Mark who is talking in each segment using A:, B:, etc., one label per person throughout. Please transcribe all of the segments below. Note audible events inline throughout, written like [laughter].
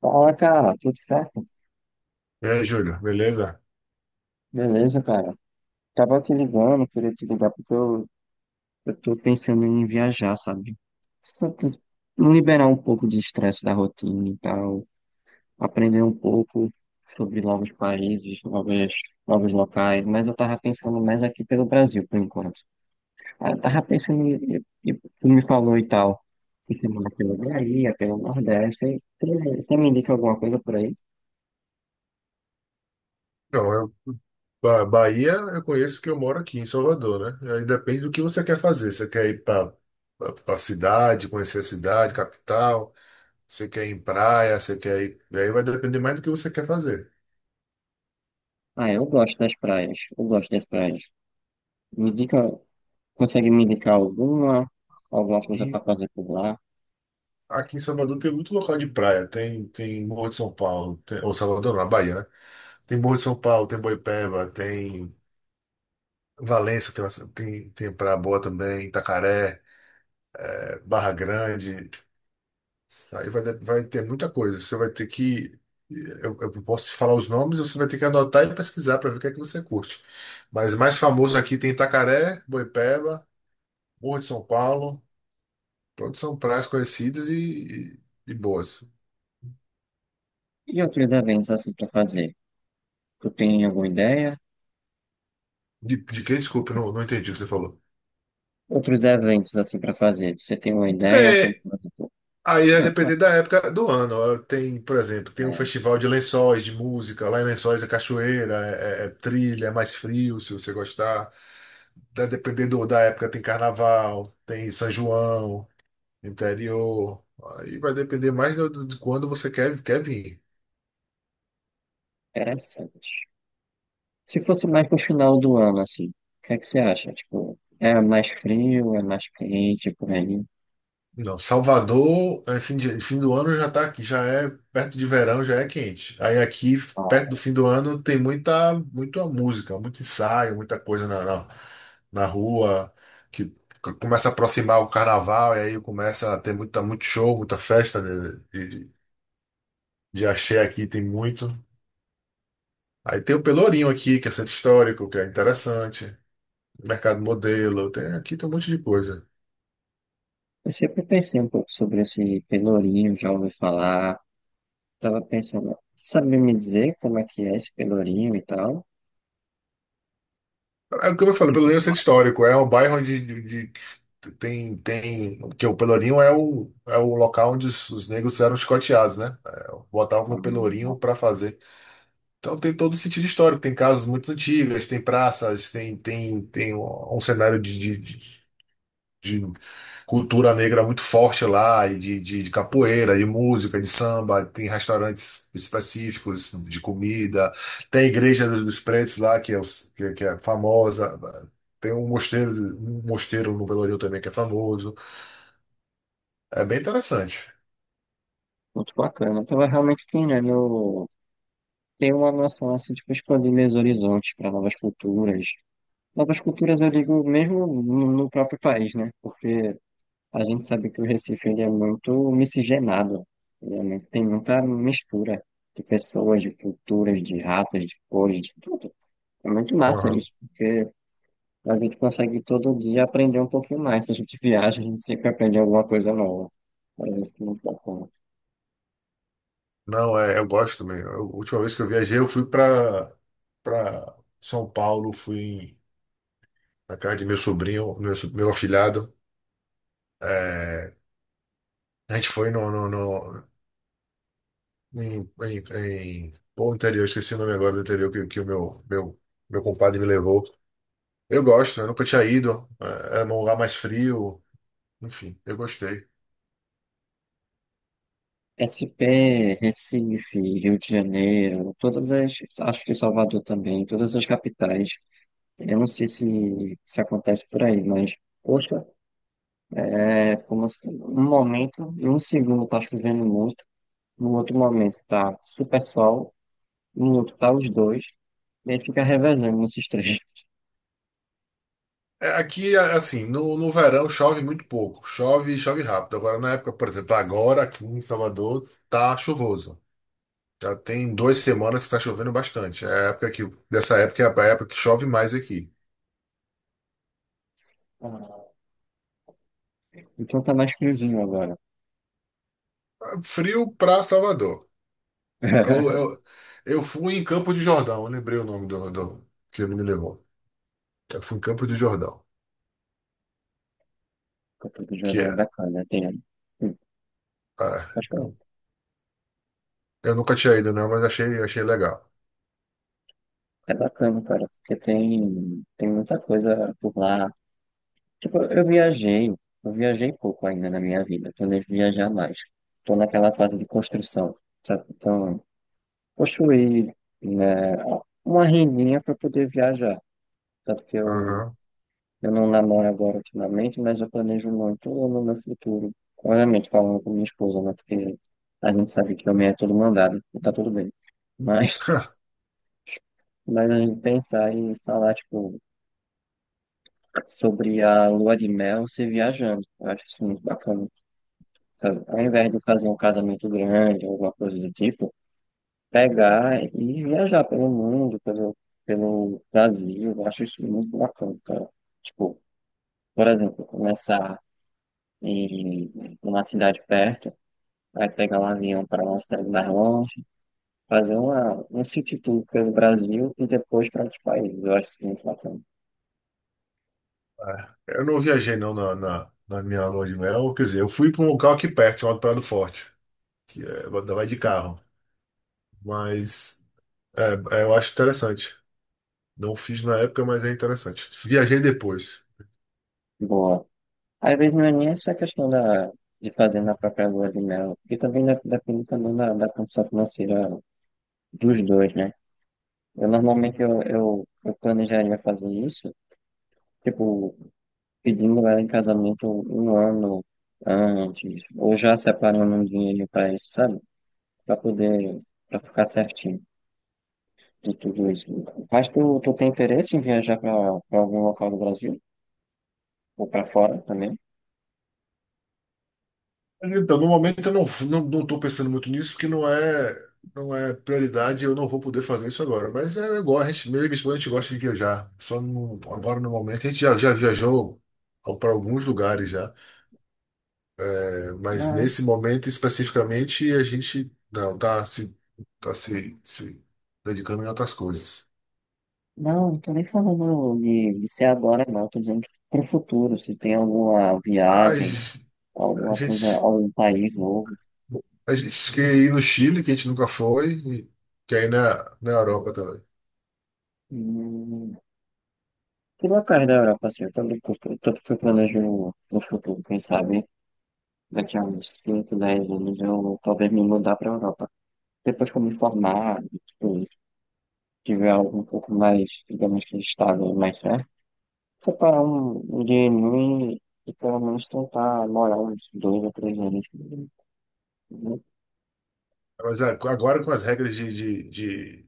A: Fala, cara, tudo certo?
B: E aí, Júlio, beleza?
A: Beleza, cara. Tava te ligando, queria te ligar porque eu tô pensando em viajar, sabe? Só te- Liberar um pouco de estresse da rotina e tal, aprender um pouco sobre novos países, novos locais, mas eu tava pensando mais aqui pelo Brasil, por enquanto. Aí eu tava pensando, e tu me falou e tal, que você mora pela Bahia, pelo Nordeste, aí você me indica alguma coisa por aí?
B: Então, eu, Bahia eu conheço porque eu moro aqui em Salvador, né? Aí depende do que você quer fazer. Você quer ir para a cidade, conhecer a cidade, capital, você quer ir em praia, você quer ir. Aí vai depender mais do que você quer fazer.
A: Ah, eu gosto das praias, eu gosto das praias. Me indica Consegue me indicar alguma coisa
B: E
A: para fazer por lá?
B: aqui em Salvador tem muito local de praia. Tem Morro de São Paulo, ou Salvador, não, na Bahia, né? Tem Morro de São Paulo, tem Boipeba, tem Valença, tem praia boa também, Itacaré, Barra Grande. Aí vai ter muita coisa. Você vai ter que. Eu posso te falar os nomes, você vai ter que anotar e pesquisar para ver o que é que você curte. Mas mais famoso aqui tem Itacaré, Boipeba, Morro de São Paulo. Todos são praias conhecidas e boas.
A: E outros eventos assim para fazer? Tu tem alguma ideia?
B: De quem? Desculpa, eu não entendi o que você falou.
A: Outros eventos assim para fazer? Você tem uma ideia? Como,
B: Tem.
A: por exemplo,
B: Aí é
A: é, fa-
B: depender da época do ano. Ó, tem, por exemplo, tem um
A: é
B: festival de lençóis, de música. Lá em Lençóis é cachoeira, é trilha, é mais frio, se você gostar. Tá dependendo da época, tem carnaval, tem São João, interior. Aí vai depender mais de quando você quer, quer vir.
A: interessante. Se fosse mais pro final do ano, assim, o que é que você acha? Tipo, é mais frio, é mais quente, é por aí?
B: Não, Salvador, é, fim do ano já tá aqui, já é perto de verão, já é quente. Aí aqui, perto do
A: Ó,
B: fim do ano, tem muita, muita música, muito ensaio, muita coisa na rua, que começa a aproximar o carnaval, e aí começa a ter muita, muito show, muita festa de axé aqui, tem muito. Aí tem o Pelourinho aqui, que é centro histórico, que é interessante. Mercado Modelo, tem, aqui tem um monte de coisa.
A: eu sempre pensei um pouco sobre esse Pelourinho, já ouvi falar. Tava pensando, sabe me dizer como é que é esse Pelourinho e tal?
B: É o que eu falei,
A: Tipo,
B: Pelourinho é um centro histórico, é um bairro onde porque o Pelourinho é o, é o local onde os negros eram escoteados, né? É, botavam no Pelourinho para fazer. Então tem todo o sentido histórico, tem casas muito antigas, tem praças, tem um um cenário de cultura negra muito forte lá, e de capoeira, de música, de samba, tem restaurantes específicos de comida, tem a igreja dos pretos lá, que é, que é famosa, tem um mosteiro no Pelourinho também que é famoso. É bem interessante.
A: muito bacana. Então é realmente, que, né, querendo ter uma noção, assim, tipo, expandir meus horizontes para novas culturas. Novas culturas, eu digo, mesmo no próprio país, né? Porque a gente sabe que o Recife, ele é muito miscigenado. Ele é tem muita mistura de pessoas, de culturas, de raças, de cores, de tudo. É muito massa
B: Aham.
A: isso, porque a gente consegue todo dia aprender um pouquinho mais. Se a gente viaja, a gente sempre aprende alguma coisa nova. É isso, muito bacana.
B: Não, é, eu gosto também. A última vez que eu viajei, eu fui para São Paulo, fui na casa de meu sobrinho, meu afilhado. É, a gente foi interior, esqueci o nome agora do interior que meu compadre me levou. Eu gosto, eu nunca tinha ido. É, era um lugar mais frio. Enfim, eu gostei.
A: SP, Recife, Rio de Janeiro, todas as, acho que Salvador também, todas as capitais. Eu não sei se acontece por aí, mas, poxa, é como se um momento, em um segundo tá chovendo muito, no outro momento tá super sol, no outro tá os dois, e aí fica revezando nesses três. [laughs]
B: É, aqui, assim, no verão chove muito pouco, chove e chove rápido. Agora, na época, por exemplo, agora aqui em Salvador tá chuvoso. Já tem duas semanas que tá chovendo bastante. Dessa época é a época que chove mais aqui.
A: Ah, então tá mais friozinho agora.
B: Ah, frio pra Salvador. Eu,
A: [laughs]
B: eu, eu fui em Campo de Jordão, eu lembrei o nome do que ele me levou. Eu fui em Campo de Jordão,
A: Campo do
B: que
A: Jordão é
B: é.
A: bacana, tem. Hum.
B: ah,
A: Acho que
B: eu,
A: é
B: eu nunca tinha ido, não, mas achei legal.
A: é bacana, cara, porque tem, muita coisa por lá. Tipo, eu viajei pouco ainda na minha vida, planejo viajar mais. Estou naquela fase de construção, sabe? Então, construir, né, uma rendinha para poder viajar. Tanto que eu,
B: Aham.
A: eu não namoro agora ultimamente, mas eu planejo muito no meu futuro. Obviamente, falando com minha esposa, né? Porque a gente sabe que homem é todo mandado, e tá tudo bem. Mas, [laughs]
B: [laughs]
A: mas a gente pensar e falar, tipo, sobre a lua de mel, ser viajando. Eu acho isso muito bacana. Sabe? Ao invés de fazer um casamento grande, alguma coisa do tipo, pegar e viajar pelo mundo, pelo Brasil, eu acho isso muito bacana, cara. Tipo, por exemplo, começar em uma cidade perto, aí pegar um avião para uma cidade mais longe, fazer um city tour pelo Brasil e depois para outros países, eu acho isso muito bacana.
B: É. Eu não viajei não na minha lua de mel, quer dizer, eu fui para um local aqui perto, chamado Prado Forte, que é, vai de carro, mas é, eu acho interessante. Não fiz na época, mas é interessante. Viajei depois.
A: Boa. Às vezes não é nem essa questão da, de fazer na própria lua de mel, porque também depende também da, condição financeira dos dois, né? Eu normalmente eu planejaria fazer isso, tipo, pedindo ela em casamento 1 ano antes, ou já separando um dinheiro pra isso, sabe? Pra poder, pra ficar certinho de tudo isso. Mas tu, tem interesse em viajar pra algum local do Brasil? Ou pra fora também?
B: Então, no momento eu não estou pensando muito nisso, porque não é prioridade, eu não vou poder fazer isso agora. Mas é igual, a gente, mesmo minha esposa, a gente gosta de viajar. Só no- Agora no momento, a gente já viajou para alguns lugares já. É, mas
A: Não,
B: nesse momento especificamente, a gente não está se, tá se, se dedicando em outras coisas.
A: não, não tô nem falando de ser agora, não. Tô dizendo que pro futuro, se tem alguma
B: A,
A: viagem,
B: gen- a
A: alguma coisa,
B: gente,
A: algum país novo.
B: a gente quer ir no Chile, que a gente nunca foi, e quer ir na Europa também.
A: Hum. Por locais da Europa, assim, eu também curto, tanto que eu planejo no futuro, quem sabe, daqui a uns 5 10 anos eu talvez me mudar para a Europa. Depois que eu me formar e tudo isso, tiver algo um pouco mais, digamos que estável, e mais certo, separar um dinheirinho e pelo menos tentar morar uns 2 ou 3 anos, né?
B: Mas é, agora com as regras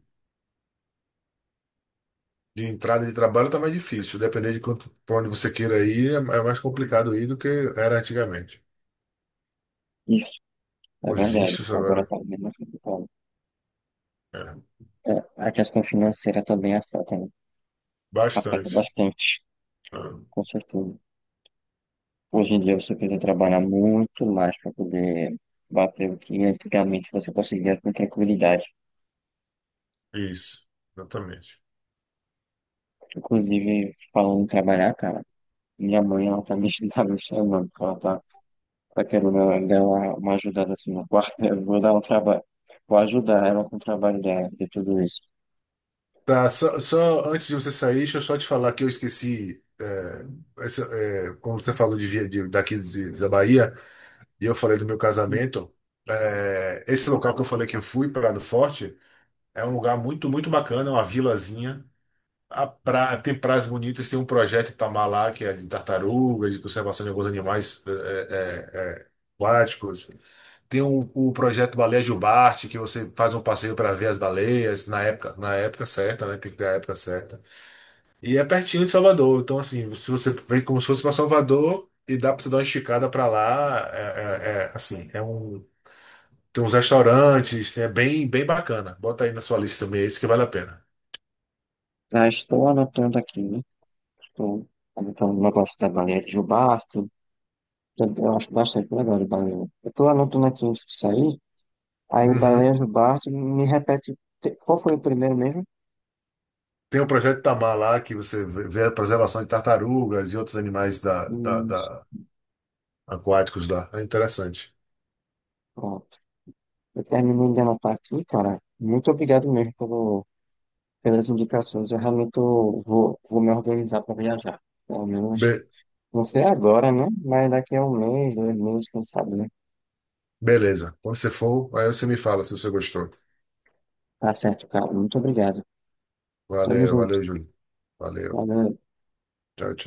B: de entrada de trabalho tá mais difícil. Depender de quanto, pra onde você queira ir, é é mais complicado ir do que era antigamente.
A: Isso, é
B: Os
A: verdade.
B: vistos
A: Agora
B: agora.
A: tá bem mais complicado.
B: É,
A: É, a questão financeira também afeta, né? Afeta
B: bastante.
A: bastante, com certeza. Hoje em dia você precisa trabalhar muito mais para poder bater o que antigamente você conseguia com tranquilidade.
B: É, isso, exatamente.
A: Inclusive, falando em trabalhar, cara, minha mãe, ela [laughs] tá me chamando, porque ela tá querendo dar uma, ajudada assim no quarto. [laughs] Eu vou dar um trabalho, vou ajudar ela com o trabalho dela, de tudo isso.
B: Tá, só, só antes de você sair, deixa eu só te falar que eu esqueci. É, essa- é, como você falou de, via- de- daqui de- da Bahia, e eu falei do meu casamento, é, esse local que eu falei que eu fui, Prado Forte, é um lugar muito, muito bacana, é uma vilazinha. Tem praias bonitas, tem um projeto Itamar lá, que é de tartarugas, de conservação de alguns animais aquáticos. Tem o projeto Baleia Jubarte, que você faz um passeio para ver as baleias na época certa, né? Tem que ter a época certa. E é pertinho de Salvador, então assim, se você vem como se fosse para Salvador e dá para você dar uma esticada para lá, assim, tem uns restaurantes, é bem, bem bacana. Bota aí na sua lista também, esse que vale a pena.
A: Já estou anotando aqui, né? Estou anotando o negócio da baleia de Gilbarto. Eu acho bastante legal de baleia. Eu estou anotando aqui antes de sair. Aí
B: Uhum.
A: Baleias do Bártaro, me repete, qual foi o primeiro mesmo?
B: Tem o projeto Itamar lá, que você vê a preservação de tartarugas e outros animais
A: Isso,
B: aquáticos lá. É interessante.
A: pronto. Eu terminei de anotar aqui, cara. Muito obrigado mesmo pelas indicações. Eu realmente vou me organizar para viajar. Pelo menos,
B: Be-
A: não sei agora, né? Mas daqui a 1 mês, 2 meses, quem sabe, né?
B: Beleza. Quando você for, aí você me fala se você gostou.
A: Tá certo, cara. Muito obrigado. Tamo
B: Valeu,
A: junto.
B: valeu, Júlio. Valeu.
A: Valeu.
B: Tchau, tchau.